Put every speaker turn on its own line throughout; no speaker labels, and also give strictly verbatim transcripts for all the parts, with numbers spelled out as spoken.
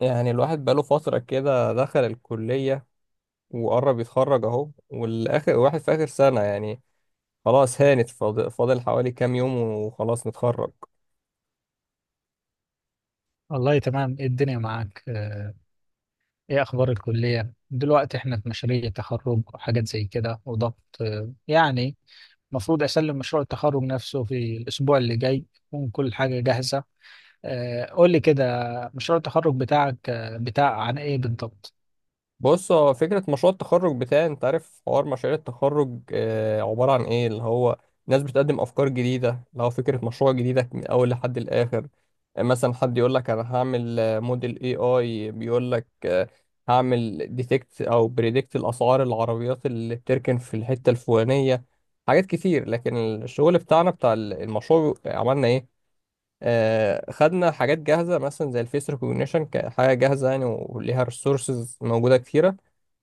يعني الواحد بقاله فترة كده دخل الكلية وقرب يتخرج أهو، والآخر واحد في آخر سنة يعني خلاص هانت، فاضل فاضل حوالي كام يوم وخلاص نتخرج.
والله تمام، إيه الدنيا معاك؟ آه، ايه اخبار الكلية دلوقتي؟ احنا في مشاريع تخرج وحاجات زي كده وضغط، آه، يعني المفروض اسلم مشروع التخرج نفسه في الاسبوع اللي جاي، تكون كل حاجة جاهزة. آه، قول لي كده، مشروع التخرج بتاعك آه، بتاع عن ايه بالضبط؟
بص، هو فكرة مشروع التخرج بتاعي، انت عارف حوار مشاريع التخرج آه، عبارة عن ايه؟ اللي هو ناس بتقدم افكار جديدة، اللي هو فكرة مشروع جديدة من اول لحد الاخر. آه، مثلا حد يقول لك انا هعمل آه، موديل اي اي، بيقول لك آه، هعمل ديتكت او بريدكت الاسعار العربيات اللي بتركن في الحتة الفلانية. حاجات كتير، لكن الشغل بتاعنا بتاع المشروع عملنا ايه؟ آه، خدنا حاجات جاهزة مثلا زي الفيس ريكوجنيشن كحاجة جاهزة يعني، وليها ريسورسز موجودة كتيرة،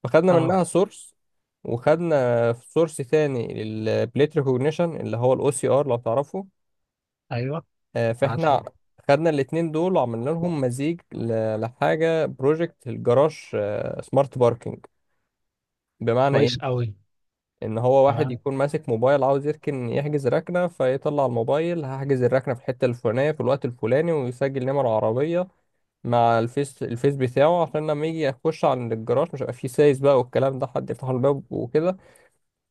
فخدنا
اه،
منها سورس. وخدنا سورس تاني للبليت ريكوجنيشن اللي هو الاو سي ار لو تعرفه.
ايوه،
آه،
عارفه،
فاحنا خدنا الاتنين دول وعملنا لهم مزيج ل- لحاجة بروجكت الجراج، سمارت باركينج. بمعنى
كويس
ايه؟
قوي،
ان هو واحد
تمام.
يكون ماسك موبايل عاوز يركن، يحجز ركنة فيطلع الموبايل هحجز الركنة في الحتة الفلانية في الوقت الفلاني، ويسجل نمر عربية مع الفيس الفيس بتاعه، عشان لما يجي يخش على الجراج مش هيبقى فيه سايس بقى والكلام ده حد يفتح له الباب وكده.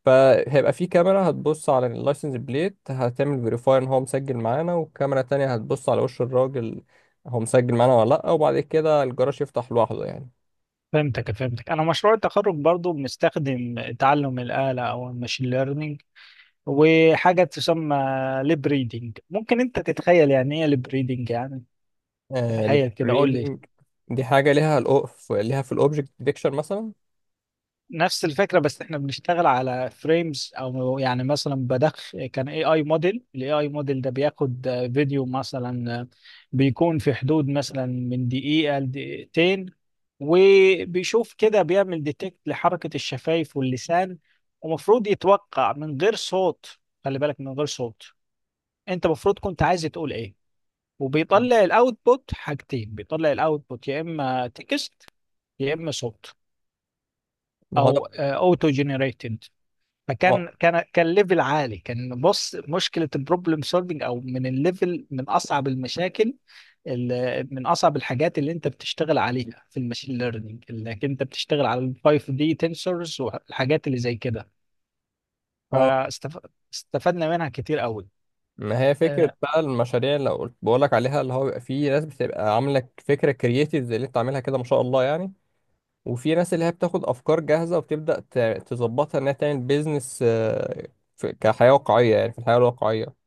فهيبقى فيه كاميرا هتبص على اللايسنس بليت، هتعمل فيريفاي ان هو مسجل معانا، والكاميرا التانية هتبص على وش الراجل هو مسجل معانا ولا لأ، وبعد كده الجراج يفتح لوحده يعني.
فهمتك فهمتك، انا مشروع التخرج برضو بنستخدم تعلم الآلة او الماشين ليرنينج، وحاجة تسمى ليب ريدنج. ممكن انت تتخيل يعني ايه ليب ريدنج؟ يعني تتخيل كده، قول لي.
الريدنج دي حاجة ليها الأوف، ليها في الأوبجكت ديتكشن مثلا.
نفس الفكرة بس احنا بنشتغل على فريمز، او يعني مثلا بدخ كان اي اي موديل، الاي اي موديل ده بياخد فيديو مثلا، بيكون في حدود مثلا من دقيقة لدقيقتين، وبيشوف كده بيعمل ديتكت لحركة الشفايف واللسان، ومفروض يتوقع من غير صوت. خلي بالك، من غير صوت. انت المفروض كنت عايز تقول ايه. وبيطلع الاوتبوت حاجتين، بيطلع الاوتبوت يا اما تكست يا اما صوت،
ما هو
او
ده.
اوتو جنريتد.
ما
فكان كان كان ليفل عالي، كان بص مشكله البروبلم سولفنج، او من الليفل من اصعب المشاكل. ال- من اصعب الحاجات اللي انت بتشتغل عليها في الماشين ليرنينج، انك انت بتشتغل على ال خمسة دي تنسورز والحاجات اللي زي كده،
هو-
فاستفدنا منها كتير قوي.
ما هي فكرة
آه،
بقى المشاريع اللي قلت بقول لك عليها، اللي هو بيبقى فيه ناس بتبقى عاملة فكرة كرييتيف زي اللي انت عاملها كده ما شاء الله يعني. وفي ناس اللي هي بتاخد أفكار جاهزة وبتبدأ ت- تظبطها إنها تعمل بيزنس كحياة واقعية، يعني في الحياة الواقعية.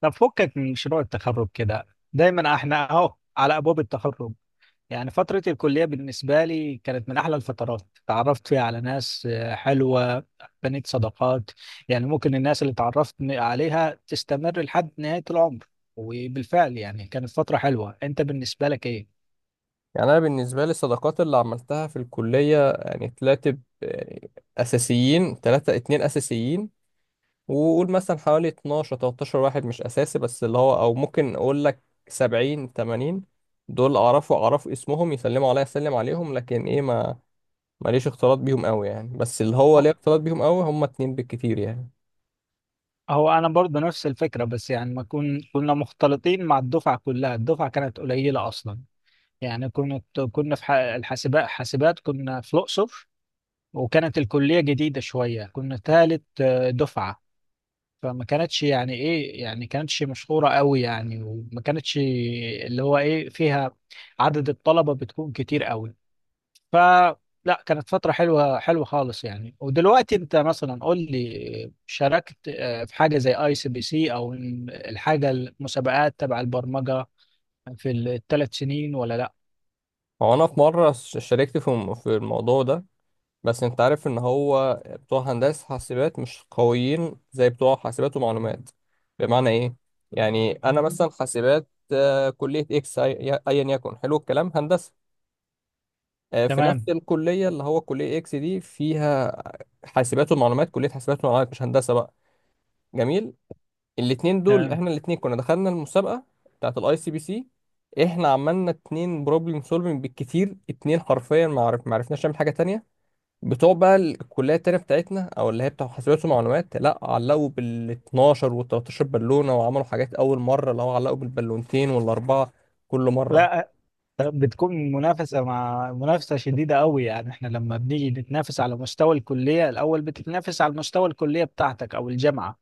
طب فكك من مشروع التخرج كده. دايما احنا اهو على ابواب التخرج، يعني فترة الكلية بالنسبة لي كانت من أحلى الفترات. تعرفت فيها على ناس آه، حلوة، بنيت صداقات، يعني ممكن الناس اللي تعرفت عليها تستمر لحد نهاية العمر. وبالفعل يعني كانت فترة حلوة. أنت بالنسبة لك إيه؟
يعني أنا بالنسبة لي الصداقات اللي عملتها في الكلية، يعني تلاتة ب- يعني أساسيين، تلاتة اتنين أساسيين، وقول مثلا حوالي اتناشر تلتاشر واحد مش اساسي، بس اللي هو او ممكن اقول لك سبعين تمانين دول اعرفه، اعرف اسمهم يسلموا عليا اسلم عليهم، لكن ايه، ما ماليش اختلاط بيهم قوي يعني. بس اللي هو
هو
ليه اختلاط بيهم قوي هم اتنين بالكتير يعني.
هو أنا برضه نفس الفكرة، بس يعني ما كن كنا مختلطين مع الدفعة كلها، الدفعة كانت قليلة أصلا. يعني كنت كنا في ح- الحاسبات، حاسبات كنا في الأقصر، وكانت الكلية جديدة شوية، كنا ثالث دفعة. فما كانتش يعني ايه، يعني كانتش مشهورة قوي يعني، وما كانتش اللي هو ايه فيها عدد الطلبة بتكون كتير قوي. فلا، كانت فترة حلوة حلوة خالص يعني. ودلوقتي انت مثلا قول لي، شاركت آه، في حاجة زي اي سي بي سي او الحاجة المسابقات تبع البرمجة في الثلاث سنين ولا لا؟
هو انا في مره ش- شاركت في الم- في الموضوع ده، بس انت عارف ان هو بتوع هندسه حاسبات مش قويين زي بتوع حاسبات ومعلومات. بمعنى ايه؟ يعني انا مثلا حاسبات، آه، كليه اكس أي- ايا يكن، حلو الكلام، هندسه آه، في نفس
تمام،
الكلية، اللي هو كلية اكس دي فيها حاسبات ومعلومات. كلية حاسبات ومعلومات مش هندسة بقى. جميل. الاتنين دول
تمام.
احنا الاتنين كنا دخلنا المسابقة بتاعت الاي سي بي سي. احنا عملنا اتنين بروبلم سولفنج بالكتير، اتنين، حرفيا ما عرف ما عرفناش نعمل حاجة تانية. بتوع بقى الكلية التانية بتاعتنا او اللي هي بتاع حاسبات ومعلومات، لا علقوا بال اتناشر وال تلتاشر بالونة، وعملوا حاجات اول مرة اللي هو علقوا بالبالونتين والاربعة كل مرة.
لا، بتكون منافسة، مع منافسة شديدة قوي يعني. احنا لما بنيجي نتنافس على مستوى الكلية، الأول بتتنافس على مستوى الكلية بتاعتك أو الجامعة،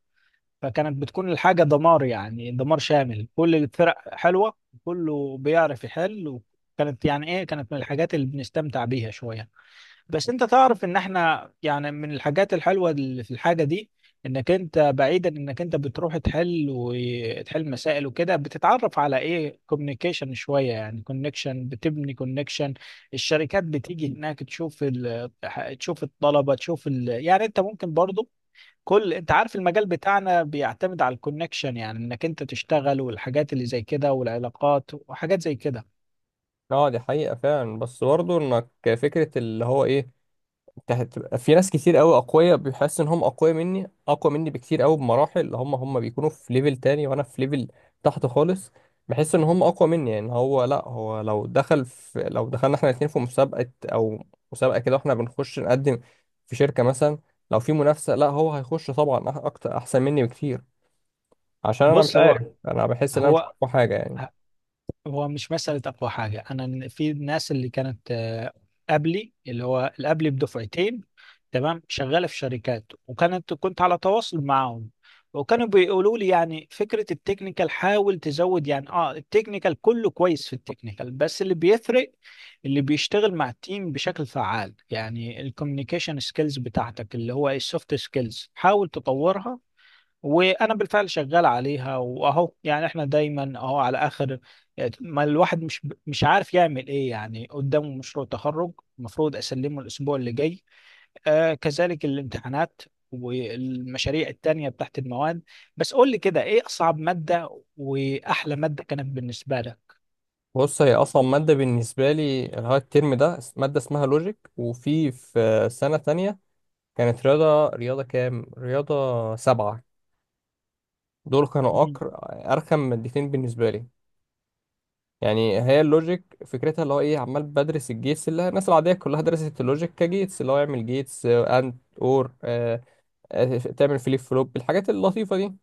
فكانت بتكون الحاجة دمار، يعني دمار شامل، كل الفرق حلوة، كله بيعرف يحل. وكانت يعني ايه، كانت من الحاجات اللي بنستمتع بيها شوية. بس انت تعرف ان احنا يعني من الحاجات الحلوه اللي في الحاجه دي، انك انت بعيدا انك انت بتروح تحل وتحل مسائل وكده، بتتعرف على ايه كوميونيكيشن شويه، يعني كونكشن، بتبني كونكشن. الشركات بتيجي هناك، تشوف ال... تشوف الطلبه، تشوف ال... يعني انت ممكن برضو كل، انت عارف المجال بتاعنا بيعتمد على الكونكشن، يعني انك انت تشتغل والحاجات اللي زي كده والعلاقات وحاجات زي كده.
اه، دي حقيقة فعلا، بس برضه انك، فكرة اللي هو ايه، هتبقى في ناس كتير قوي اقوياء، بيحس ان هم اقوياء مني، اقوى مني بكتير قوي بمراحل، اللي هم هم بيكونوا في ليفل تاني وانا في ليفل تحت خالص. بحس ان هم اقوى مني يعني. هو لا، هو لو دخل في لو دخلنا احنا الاتنين في مسابقة او مسابقة كده واحنا بنخش نقدم في شركة مثلا، لو في منافسة لا هو هيخش طبعا أح- اكتر، احسن مني بكتير، عشان انا مش
بص، هو
عارف، انا بحس ان انا مش
هو
اقوى حاجة يعني.
هو مش مسألة أقوى حاجة. أنا في الناس اللي كانت آه، قبلي، اللي هو اللي قبلي بدفعتين، تمام، شغالة في شركات، وكانت كنت على تواصل معاهم، وكانوا بيقولوا لي يعني فكرة التكنيكال حاول تزود، يعني اه التكنيكال كله كويس، في التكنيكال بس اللي بيفرق اللي بيشتغل مع التيم بشكل فعال، يعني الكوميونيكيشن سكيلز بتاعتك، اللي هو السوفت سكيلز، حاول تطورها. وانا بالفعل شغال عليها، واهو يعني احنا دايما اهو على اخر، ما الواحد مش مش عارف يعمل ايه يعني، قدامه مشروع تخرج المفروض اسلمه الاسبوع اللي جاي، آه كذلك الامتحانات والمشاريع التانية بتاعت المواد. بس قول لي كده، ايه اصعب مادة واحلى مادة كانت بالنسبة لك؟
بص، هي اصلا ماده بالنسبه لي اللي هو الترم ده ماده اسمها لوجيك، وفي في سنه تانية كانت رياضة، رياضة كام؟ رياضة سبعة. دول كانوا
مم.
أكر أرخم مادتين بالنسبة لي. يعني هي اللوجيك فكرتها اللي هو إيه، عمال بدرس الجيتس، اللي الناس العادية كلها درست اللوجيك كجيتس، اللي هو يعمل جيتس أند أور آه، آه، تعمل فليب فلوب، الحاجات اللطيفة دي.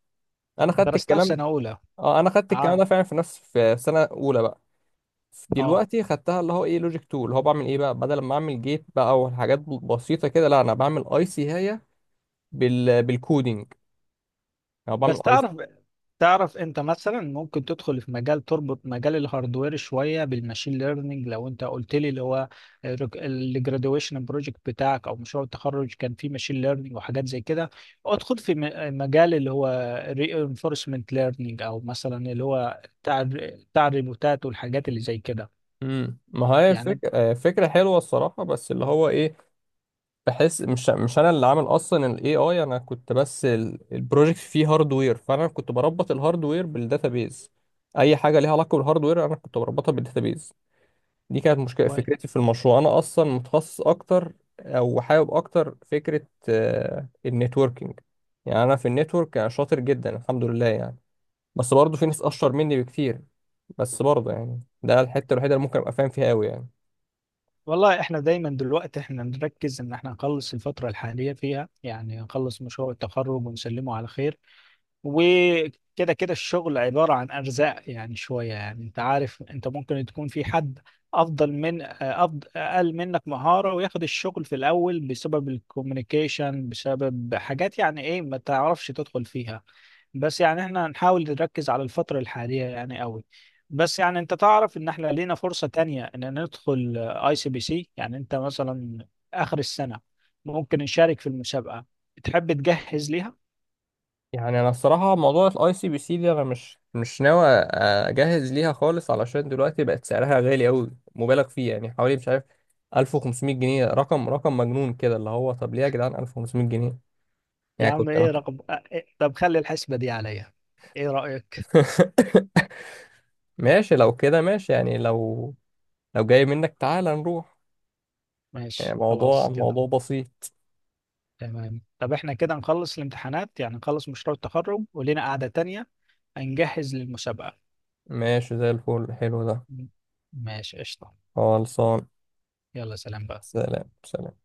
أنا خدت
درستها في
الكلام،
سنة اولى.
أه أنا خدت الكلام
عارف.
ده فعلا في نفس، في سنة أولى بقى.
اه.
دلوقتي خدتها اللي هو ايه، لوجيك اتنين، اللي هو بعمل ايه بقى، بدل ما اعمل جيت بقى وحاجات بسيطه كده، لا انا بعمل اي سي هي بال بالكودينج، او بعمل.
بس تعرف تعرف انت مثلا ممكن تدخل في مجال تربط مجال الهاردوير شويه بالماشين ليرنينج. لو انت قلت لي اللي هو الجراديويشن بروجكت بتاعك او مشروع التخرج كان فيه ماشين ليرنينج وحاجات زي كده، ادخل في م- مجال اللي هو reinforcement ليرنينج، او مثلا اللي هو بتاع الر- بتاع الريبوتات والحاجات اللي زي كده.
امم، ما هي
يعني
الفكرة، فكرة حلوة الصراحة، بس اللي هو ايه، بحس مش مش انا اللي عامل اصلا الاي اي، انا كنت بس ال- البروجكت فيه هاردوير، فانا كنت بربط الهاردوير بالداتابيز. اي حاجة ليها علاقة بالهاردوير انا كنت بربطها بالداتابيز. دي كانت مشكلة،
كويس.
فكرتي في المشروع انا اصلا متخصص اكتر او حابب اكتر فكرة النتوركينج. يعني انا في النتورك أنا شاطر جدا الحمد لله يعني، بس برضه في ناس اشطر مني بكتير، بس برضه يعني ده الحتة الوحيدة اللي ممكن ابقى فاهم فيها قوي يعني.
والله احنا دايما دلوقتي احنا نركز ان احنا نخلص الفتره الحاليه فيها، يعني نخلص مشروع التخرج ونسلمه على خير. وكده كده الشغل عبارة عن أرزاق، يعني شوية، يعني أنت عارف، أنت ممكن تكون في حد أفضل من أفضل أقل منك مهارة وياخد الشغل في الأول بسبب الكوميونيكيشن، بسبب حاجات يعني إيه ما تعرفش تدخل فيها. بس يعني إحنا هنحاول نركز على الفترة الحالية يعني قوي. بس يعني أنت تعرف إن إحنا لينا فرصة تانية إن ندخل أي سي بي سي، يعني أنت مثلا آخر السنة ممكن نشارك في المسابقة. تحب تجهز ليها؟
يعني انا الصراحه موضوع الاي سي بي سي دي انا مش مش ناوي اجهز ليها خالص، علشان دلوقتي بقت سعرها غالي قوي مبالغ فيه، يعني حوالي مش عارف ألف وخمسمائة جنيه، رقم رقم مجنون كده اللي هو، طب ليه يا جدعان ألف وخمسمائة جنيه؟
يا
يعني
عم
كنت انا
ايه رقم آه، إيه؟ طب خلي الحسبة دي عليا، ايه رأيك؟
ماشي، لو كده ماشي يعني، لو لو جاي منك تعالى نروح. يعني
ماشي
موضوع
خلاص كده.
موضوع بسيط.
تمام، طب احنا كده نخلص الامتحانات، يعني نخلص مشروع التخرج ولينا قعدة تانية هنجهز للمسابقة.
ماشي زي الفل، حلو ده.
م- ماشي قشطة.
خلصان.
يلا سلام بقى.
سلام سلام.